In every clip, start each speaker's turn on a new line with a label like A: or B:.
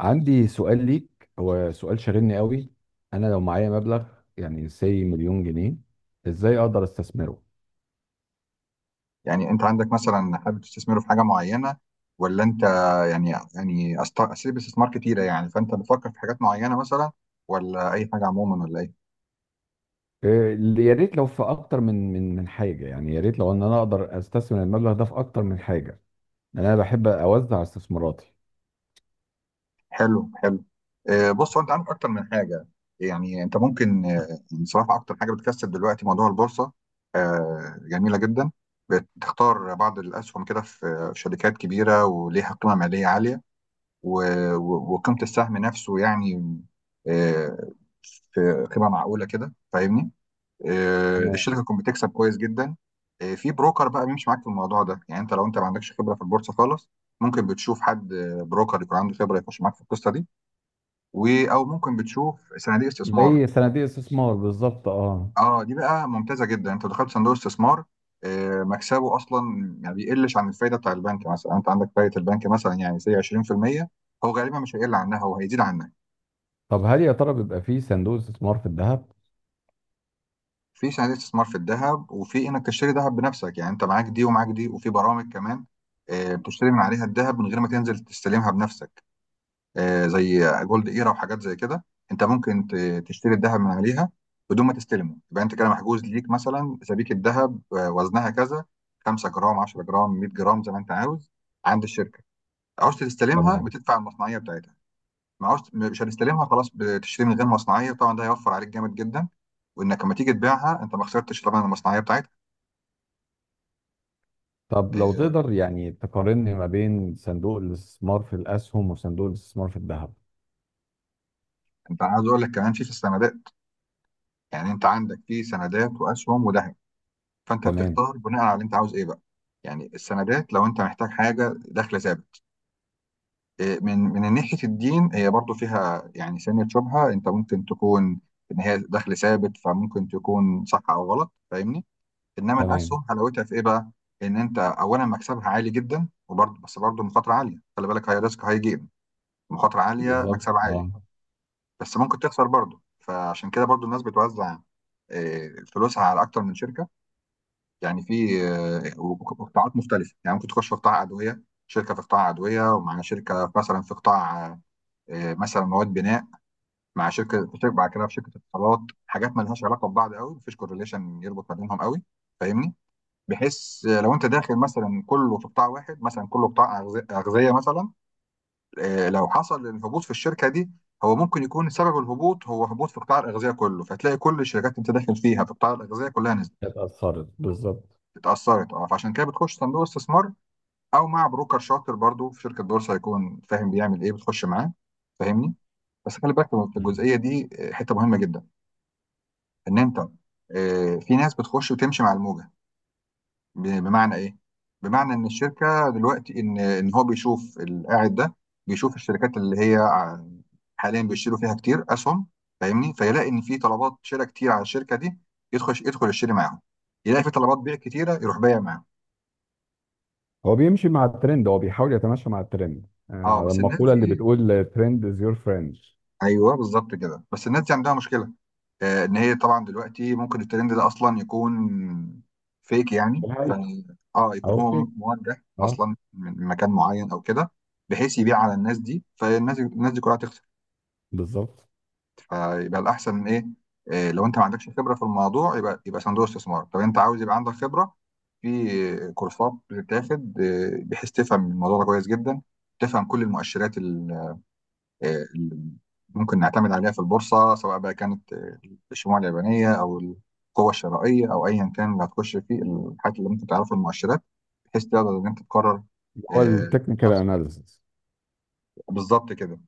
A: عندي سؤال ليك، هو سؤال شاغلني قوي. انا لو معايا مبلغ يعني سي مليون جنيه، ازاي اقدر استثمره؟
B: يعني انت عندك مثلا حابب تستثمره في حاجه معينه، ولا انت اساليب استثمار كتيره، يعني فانت بتفكر في حاجات معينه مثلا، ولا اي حاجه عموما ولا ايه؟
A: إيه، يا ريت لو في اكتر من حاجه، يعني يا ريت لو ان انا اقدر استثمر المبلغ ده في اكتر من حاجه. يعني انا بحب اوزع استثماراتي.
B: حلو حلو. بص، هو انت عندك اكتر من حاجه. يعني انت ممكن، بصراحه اكتر حاجه بتكسب دلوقتي موضوع البورصه، جميله جدا. بتختار بعض الاسهم كده في شركات كبيره وليها قيمه ماليه عاليه، وقيمه السهم نفسه يعني، آه، في قيمه معقوله كده، فاهمني؟
A: تمام.
B: الشركه تكون بتكسب كويس جدا. في بروكر بقى بيمشي معاك في الموضوع ده، يعني انت لو ما عندكش خبره في البورصه خالص، ممكن بتشوف حد، بروكر يكون عنده خبره يخش معاك في القصه دي، او ممكن بتشوف صناديق استثمار.
A: زي صناديق استثمار بالظبط، اه.
B: اه، دي بقى ممتازه جدا، انت دخلت صندوق استثمار، مكسبه اصلا. يعني بيقلش عن الفايده بتاع البنك، مثلا انت عندك فايده البنك مثلا يعني سي 20%، هو غالبا مش هيقل عنها، هو هيزيد عنها.
A: طب هل يا ترى بيبقى فيه صندوق استثمار في الذهب؟
B: في صناديق استثمار في الذهب، وفي انك تشتري ذهب بنفسك، يعني انت معاك دي ومعاك دي، وفي برامج كمان، بتشتري من عليها الذهب من غير ما تنزل تستلمها بنفسك، زي جولد ايرا وحاجات زي كده. انت ممكن ت- تشتري الذهب من عليها بدون ما تستلمه، يبقى انت كده محجوز ليك مثلا سبيكة ذهب، وزنها كذا، 5 جرام، 10 جرام، 100 جرام، زي ما انت عاوز، عند الشركة. عاوز تستلمها
A: تمام.
B: بتدفع المصنعية بتاعتها، معوش مش هتستلمها خلاص، بتشتري من غير مصنعيه، طبعا ده هيوفر عليك جامد جدا، وانك لما تيجي تبيعها انت ما خسرتش طبعا المصنعيه بتاعتها.
A: طب لو
B: آه،
A: تقدر يعني تقارن ما بين صندوق الاستثمار في الاسهم وصندوق الاستثمار في الذهب.
B: انت عايز اقول لك كمان في السندات، يعني انت عندك في سندات واسهم وذهب، فانت
A: تمام.
B: بتختار بناء على اللي انت عاوز ايه بقى. يعني السندات لو انت محتاج حاجه دخل ثابت، من ناحيه الدين، هي برضو فيها يعني سنه شبهه، انت ممكن تكون ان هي دخل ثابت، فممكن تكون صح او غلط، فاهمني؟ انما
A: تمام.
B: الاسهم حلاوتها في ايه بقى؟ ان انت اولا مكسبها عالي جدا، وبرضه بس برضه مخاطره عاليه، خلي بالك، هاي ريسك هاي جيم، مخاطره عاليه
A: بالظبط،
B: مكسب عالي،
A: اه.
B: بس ممكن تخسر برضه. فعشان كده برضه الناس بتوزع، آه، فلوسها على اكتر من شركه، يعني في، قطاعات مختلفه، يعني ممكن تخش في قطاع ادويه، شركه في قطاع ادويه، ومع شركه مثلا في قطاع، مثلا مواد بناء، مع شركه، في شركه بعد كده في شركه اتصالات، حاجات ما لهاش علاقه ببعض قوي، مفيش كورليشن يربط ما بينهم قوي، فاهمني؟ بحيث لو انت داخل مثلا كله في قطاع واحد، مثلا كله قطاع اغذيه مثلا، لو حصل الهبوط في الشركه دي، هو ممكن يكون سبب الهبوط هو هبوط في قطاع الاغذيه كله، فتلاقي كل الشركات انت داخل فيها في قطاع الاغذيه كلها نزلت،
A: كانت اثرت بالظبط.
B: اتاثرت. اه، فعشان كده بتخش صندوق استثمار، او مع بروكر شاطر برضو في شركه بورصه، هيكون فاهم بيعمل ايه، بتخش معاه، فاهمني؟ بس خلي بالك في
A: أيوة.
B: الجزئيه دي، حته مهمه جدا، ان انت، في ناس بتخش وتمشي مع الموجه. بمعنى ايه؟ بمعنى ان الشركه دلوقتي، ان هو بيشوف القاعد ده، بيشوف الشركات حاليا بيشتروا فيها كتير اسهم، فاهمني؟ فيلاقي ان في طلبات شراء كتير على الشركه دي، يدخل يشتري معاهم، يلاقي في طلبات بيع كتيره، يروح بايع معاهم.
A: هو بيمشي مع الترند، هو بيحاول يتماشى مع الترند،
B: اه،
A: على
B: بس الناس
A: المقولة اللي
B: دي،
A: بتقول ترند از يور فريند.
B: ايوه بالظبط كده، بس الناس دي عندها مشكله، ان هي طبعا دلوقتي ممكن الترند ده اصلا يكون فيك، يعني.
A: حقيقته.
B: اه، يكون
A: او
B: هو
A: فيك.
B: موجه
A: اه.
B: اصلا من مكان معين او كده، بحيث يبيع على الناس دي، فالناس دي كلها تخسر.
A: بالظبط.
B: فيبقى الاحسن ايه؟ لو انت ما عندكش خبره في الموضوع يبقى صندوق استثمار. طب انت عاوز يبقى عندك خبره، في كورسات بتتاخد، بحيث تفهم الموضوع ده كويس جدا، تفهم كل المؤشرات، اللي ممكن نعتمد عليها في البورصة، سواء بقى كانت، الشموع اليابانية أو القوة الشرائية أو أيا كان اللي هتخش فيه، الحاجات اللي ممكن تعرفها المؤشرات، بحيث تقدر إن أنت تقرر،
A: هو
B: آه،
A: التكنيكال
B: بنفسك.
A: اناليسيس.
B: بالظبط كده.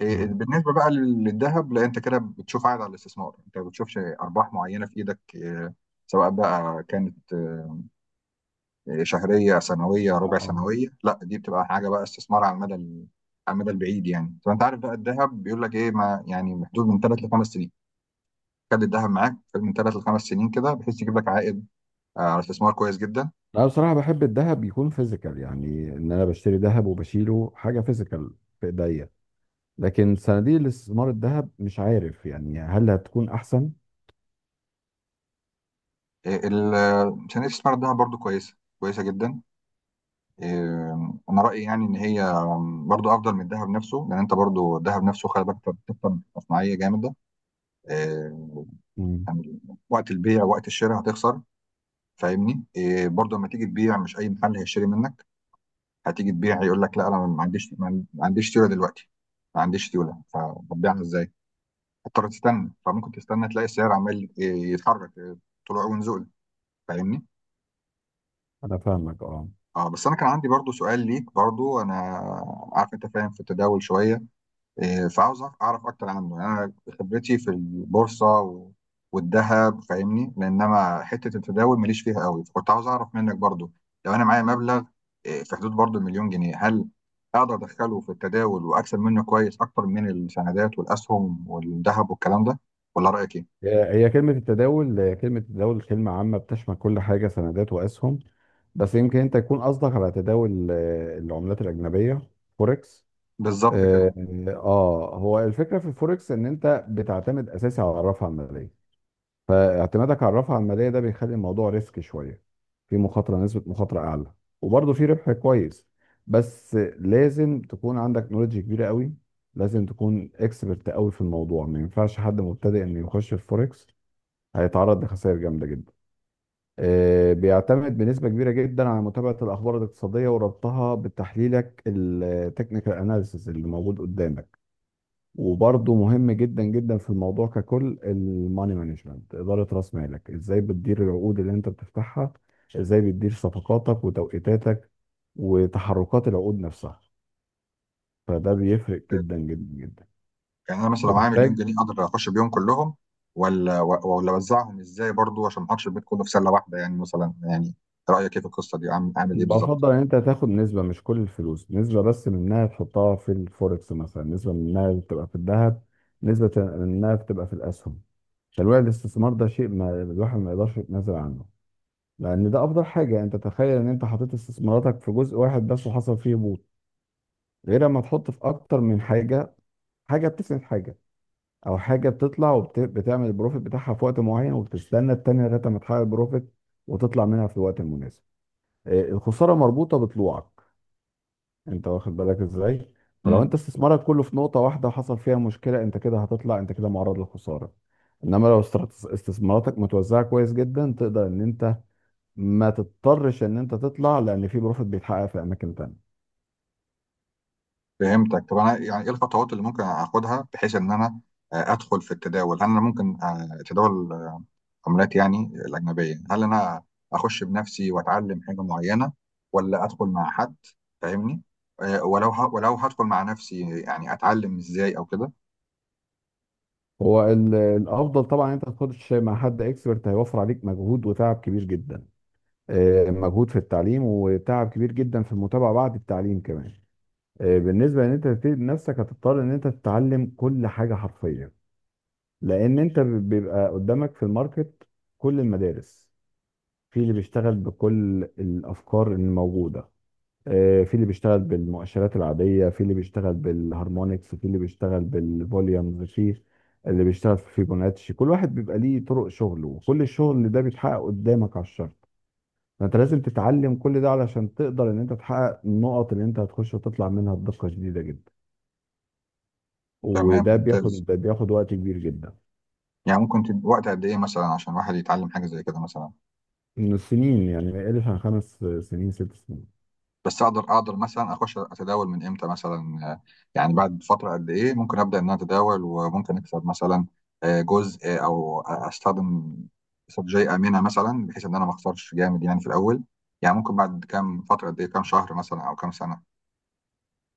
A: مم.
B: بالنسبة بقى للذهب، لا أنت كده بتشوف عائد على الاستثمار، أنت ما بتشوفش أرباح معينة في إيدك، سواء بقى كانت، شهريه سنويه ربع
A: اه.
B: سنويه، لا دي بتبقى حاجه بقى استثمار على المدى على المدى البعيد. يعني طب انت عارف بقى الذهب بيقول لك ايه، ما يعني محدود من ثلاث لخمس سنين، خد الذهب معاك، خد من ثلاث لخمس سنين كده، بحيث يجيب لك عائد، على استثمار كويس جدا.
A: انا بصراحة بحب الذهب يكون فيزيكال، يعني ان انا بشتري ذهب وبشيله حاجة فيزيكال في ايديا. لكن صناديق الاستثمار الذهب مش عارف يعني، هل هتكون احسن؟
B: صناديق استثمار الذهب برضو كويسه جدا، إيه، انا رايي يعني ان هي برضو افضل من الذهب نفسه، لان انت برضو الذهب نفسه خلي بالك انت بتكسب مصنعيه جامده، إيه،
A: مم.
B: يعني وقت البيع وقت الشراء هتخسر، فاهمني؟ برضه لما تيجي تبيع مش اي محل هيشتري منك، هتيجي تبيع يقول لك لا، انا ما عنديش سيوله دلوقتي، ما عنديش سيوله، فببيعها ازاي؟ هتضطر تستنى، فممكن تستنى تلاقي السعر عمال يتحرك، طلوع ونزول، فاهمني؟
A: انا فاهمك، اه.
B: اه، بس انا كان عندي برضه سؤال ليك، برضه انا عارف انت فاهم في التداول شويه، فعاوز اعرف اكتر عنه، يعني انا خبرتي في البورصه والذهب، فاهمني؟ لانما حته التداول ماليش فيها قوي، فكنت عاوز اعرف منك برضو، لو انا معايا مبلغ، في حدود برضو مليون جنيه، هل اقدر ادخله في التداول واكسب منه كويس اكتر من السندات والاسهم والذهب والكلام ده، ولا رايك ايه؟
A: هي كلمة التداول، كلمة التداول كلمة عامة بتشمل كل حاجة، سندات وأسهم. بس يمكن أنت يكون قصدك على تداول العملات الأجنبية، فوركس.
B: بالظبط
A: آه.
B: كده.
A: هو الفكرة في الفوركس إن أنت بتعتمد أساسي على الرافعة المالية. فاعتمادك على الرافعة المالية ده بيخلي الموضوع ريسك شوية. في مخاطرة، نسبة مخاطرة أعلى، وبرضه في ربح كويس. بس لازم تكون عندك نولج كبيرة قوي. لازم تكون اكسبرت قوي في الموضوع، ما ينفعش حد مبتدئ انه يخش في الفوركس، هيتعرض لخسائر جامدة جدا. بيعتمد بنسبة كبيرة جدا على متابعة الأخبار الاقتصادية وربطها بتحليلك التكنيكال أناليسيس اللي موجود قدامك. وبرضه مهم جدا جدا في الموضوع ككل، الماني مانجمنت، إدارة رأس مالك، إزاي بتدير العقود اللي أنت بتفتحها، إزاي بتدير صفقاتك وتوقيتاتك وتحركات العقود نفسها. فده بيفرق جدا جدا جدا.
B: يعني انا مثلا لو معايا مليون
A: بتحتاج.
B: جنيه اقدر اخش بيهم كلهم، ولا اوزعهم ازاي برضو عشان ما احطش البيت كله في سله واحده، يعني مثلا، يعني رايك ايه في القصه دي، عامل ايه بالظبط؟
A: بفضل ان انت تاخد نسبة، مش كل الفلوس، نسبة بس منها تحطها في الفوركس مثلا، نسبة منها تبقى في الذهب، نسبة منها تبقى في الاسهم. تنويع الاستثمار ده شيء ما الواحد ما يقدرش يتنازل عنه، لان ده افضل حاجة. انت تخيل ان انت حطيت استثماراتك في جزء واحد بس وحصل فيه هبوط، غير لما تحط في اكتر من حاجة، حاجة بتسند حاجة، او حاجة بتطلع وبتعمل البروفيت بتاعها في وقت معين، وبتستنى التانية لغاية ما تحقق البروفيت وتطلع منها في الوقت المناسب. الخسارة مربوطة بطلوعك، انت واخد بالك ازاي. فلو انت استثمارك كله في نقطة واحدة وحصل فيها مشكلة، انت كده هتطلع، انت كده معرض للخسارة. انما لو استثماراتك متوزعة كويس جدا، تقدر ان انت ما تضطرش ان انت تطلع، لان في بروفيت بيتحقق في اماكن تانية.
B: فهمتك. طب انا يعني ايه الخطوات اللي ممكن اخدها بحيث ان انا، ادخل في التداول، هل انا ممكن، اتداول عملات يعني الاجنبيه، هل انا اخش بنفسي واتعلم حاجه معينه، ولا ادخل مع حد، فاهمني؟ ولو هدخل مع نفسي، يعني اتعلم ازاي او كده.
A: هو الافضل طبعا انت تخش مع حد اكسبرت، هيوفر عليك مجهود وتعب كبير جدا. مجهود في التعليم وتعب كبير جدا في المتابعة بعد التعليم كمان. بالنسبة ان انت تبتدي بنفسك، هتضطر ان انت تتعلم كل حاجة حرفيا. لان انت بيبقى قدامك في الماركت كل المدارس، في اللي بيشتغل بكل الافكار الموجوده. في اللي بيشتغل بالمؤشرات العاديه، في اللي بيشتغل بالهارمونكس، في اللي بيشتغل بالفوليومز، في اللي بيشتغل في فيبوناتشي. كل واحد بيبقى ليه طرق شغله، وكل الشغل ده بيتحقق قدامك على الشرط. فانت لازم تتعلم كل ده علشان تقدر ان انت تحقق النقط اللي انت هتخش وتطلع منها بدقه شديده جدا.
B: تمام،
A: وده بياخد
B: ممتاز.
A: بياخد وقت كبير جدا.
B: يعني ممكن وقت قد ايه مثلا عشان واحد يتعلم حاجه زي كده مثلا؟
A: من السنين، يعني بقالي عن 5 سنين 6 سنين.
B: بس اقدر مثلا اخش اتداول من امتى مثلا، يعني بعد فتره قد ايه ممكن ابدا ان انا اتداول، وممكن اكسب مثلا، جزء، او استخدم استراتيجيه امنه مثلا، بحيث ان انا ما اخسرش جامد يعني في الاول. يعني ممكن بعد كام فتره، قد ايه، كام شهر مثلا او كام سنه؟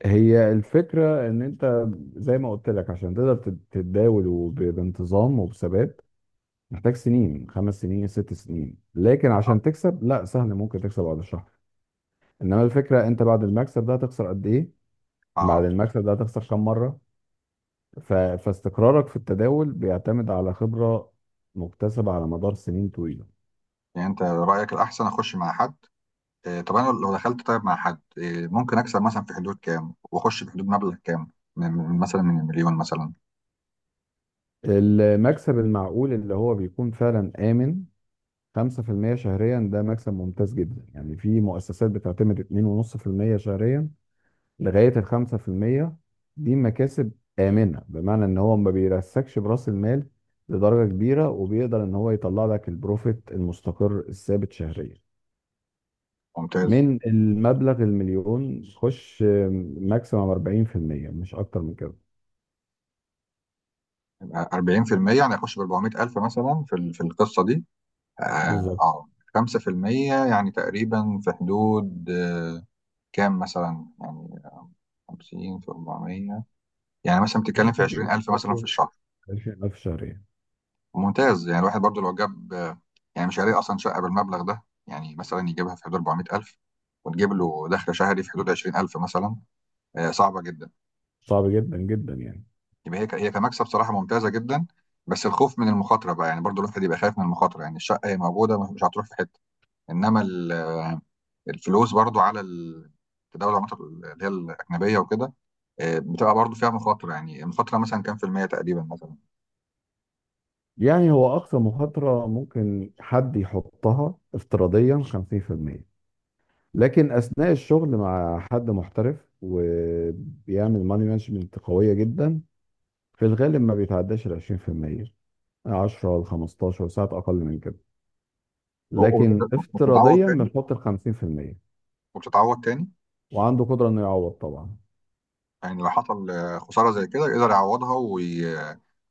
A: هي الفكرة ان انت، زي ما قلت لك، عشان تقدر تتداول بانتظام وبثبات، محتاج سنين، 5 سنين 6 سنين. لكن عشان
B: اه.
A: تكسب، لا، سهل، ممكن تكسب بعد شهر. انما الفكرة، انت بعد المكسب ده هتخسر قد ايه، بعد
B: آه،
A: المكسب ده هتخسر كم مرة. فاستقرارك في التداول بيعتمد على خبرة مكتسبة على مدار سنين طويلة.
B: يعني انت رايك الاحسن اخش مع حد، طب انا لو دخلت طيب مع حد، ممكن اكسب مثلا في حدود كام، واخش في حدود مبلغ كام، مثلا من مليون مثلا؟
A: المكسب المعقول اللي هو بيكون فعلا آمن، 5% شهريا، ده مكسب ممتاز جدا. يعني في مؤسسات بتعتمد 2.5% شهريا لغاية ال 5%. دي مكاسب آمنة، بمعنى إن هو ما بيرسكش برأس المال لدرجة كبيرة، وبيقدر إن هو يطلع لك البروفيت المستقر الثابت شهريا.
B: ممتاز.
A: من المبلغ المليون، خش ماكسيمم 40%، مش أكتر من كده.
B: 40%، يعني اخش ب 400,000 مثلا في القصه دي. اه،
A: بالظبط.
B: آه. 5%، يعني تقريبا في حدود، كام مثلا يعني؟ 50 في 400، يعني مثلا بتتكلم
A: يعني
B: في
A: كده،
B: 20,000 مثلا في الشهر.
A: 20000 شهريا.
B: ممتاز. يعني الواحد برضو لو جاب، يعني مش هيلاقي اصلا شقه بالمبلغ ده، يعني مثلا يجيبها في حدود 400,000، وتجيب له دخل شهري في حدود 20,000 مثلا، صعبه جدا.
A: صعب جدا جدا يعني.
B: يبقى هي هي كمكسب صراحه ممتازه جدا، بس الخوف من المخاطره بقى، يعني برضو الواحد يبقى خايف من المخاطره، يعني الشقه هي موجوده مش هتروح في حته، انما الفلوس برضو على التداول، العملات اللي هي الاجنبيه وكده، بتبقى برضو فيها مخاطره، يعني المخاطره مثلا كام في المية تقريبا مثلا؟
A: يعني هو أقصى مخاطرة ممكن حد يحطها افتراضيا 50%. لكن أثناء الشغل مع حد محترف وبيعمل ماني مانجمنت قوية جدا، في الغالب ما بيتعداش ال 20%، 10 ل 15 ساعات أقل من كده.
B: و- و-
A: لكن
B: وبتتعوض
A: افتراضيا
B: تاني؟
A: بنحط ال 50%.
B: وبتتعوض تاني.
A: وعنده قدرة إنه يعوض طبعا.
B: يعني لو حصل، خساره زي كده يقدر يعوضها، وي-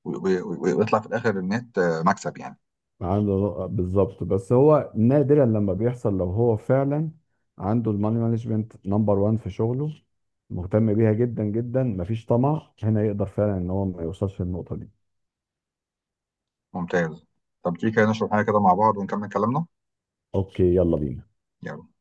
B: وي- وي- ويطلع في الاخر النت، مكسب يعني؟
A: عنده بالظبط. بس هو نادرا لما بيحصل، لو هو فعلا عنده الماني مانجمنت نمبر وان في شغله، مهتم بيها جدا جدا، مفيش طمع، هنا يقدر فعلا ان هو ما يوصلش للنقطة دي.
B: ممتاز. طب تيجي كده نشرب حاجه كده مع بعض ونكمل كلامنا؟
A: اوكي، يلا بينا.
B: يلا.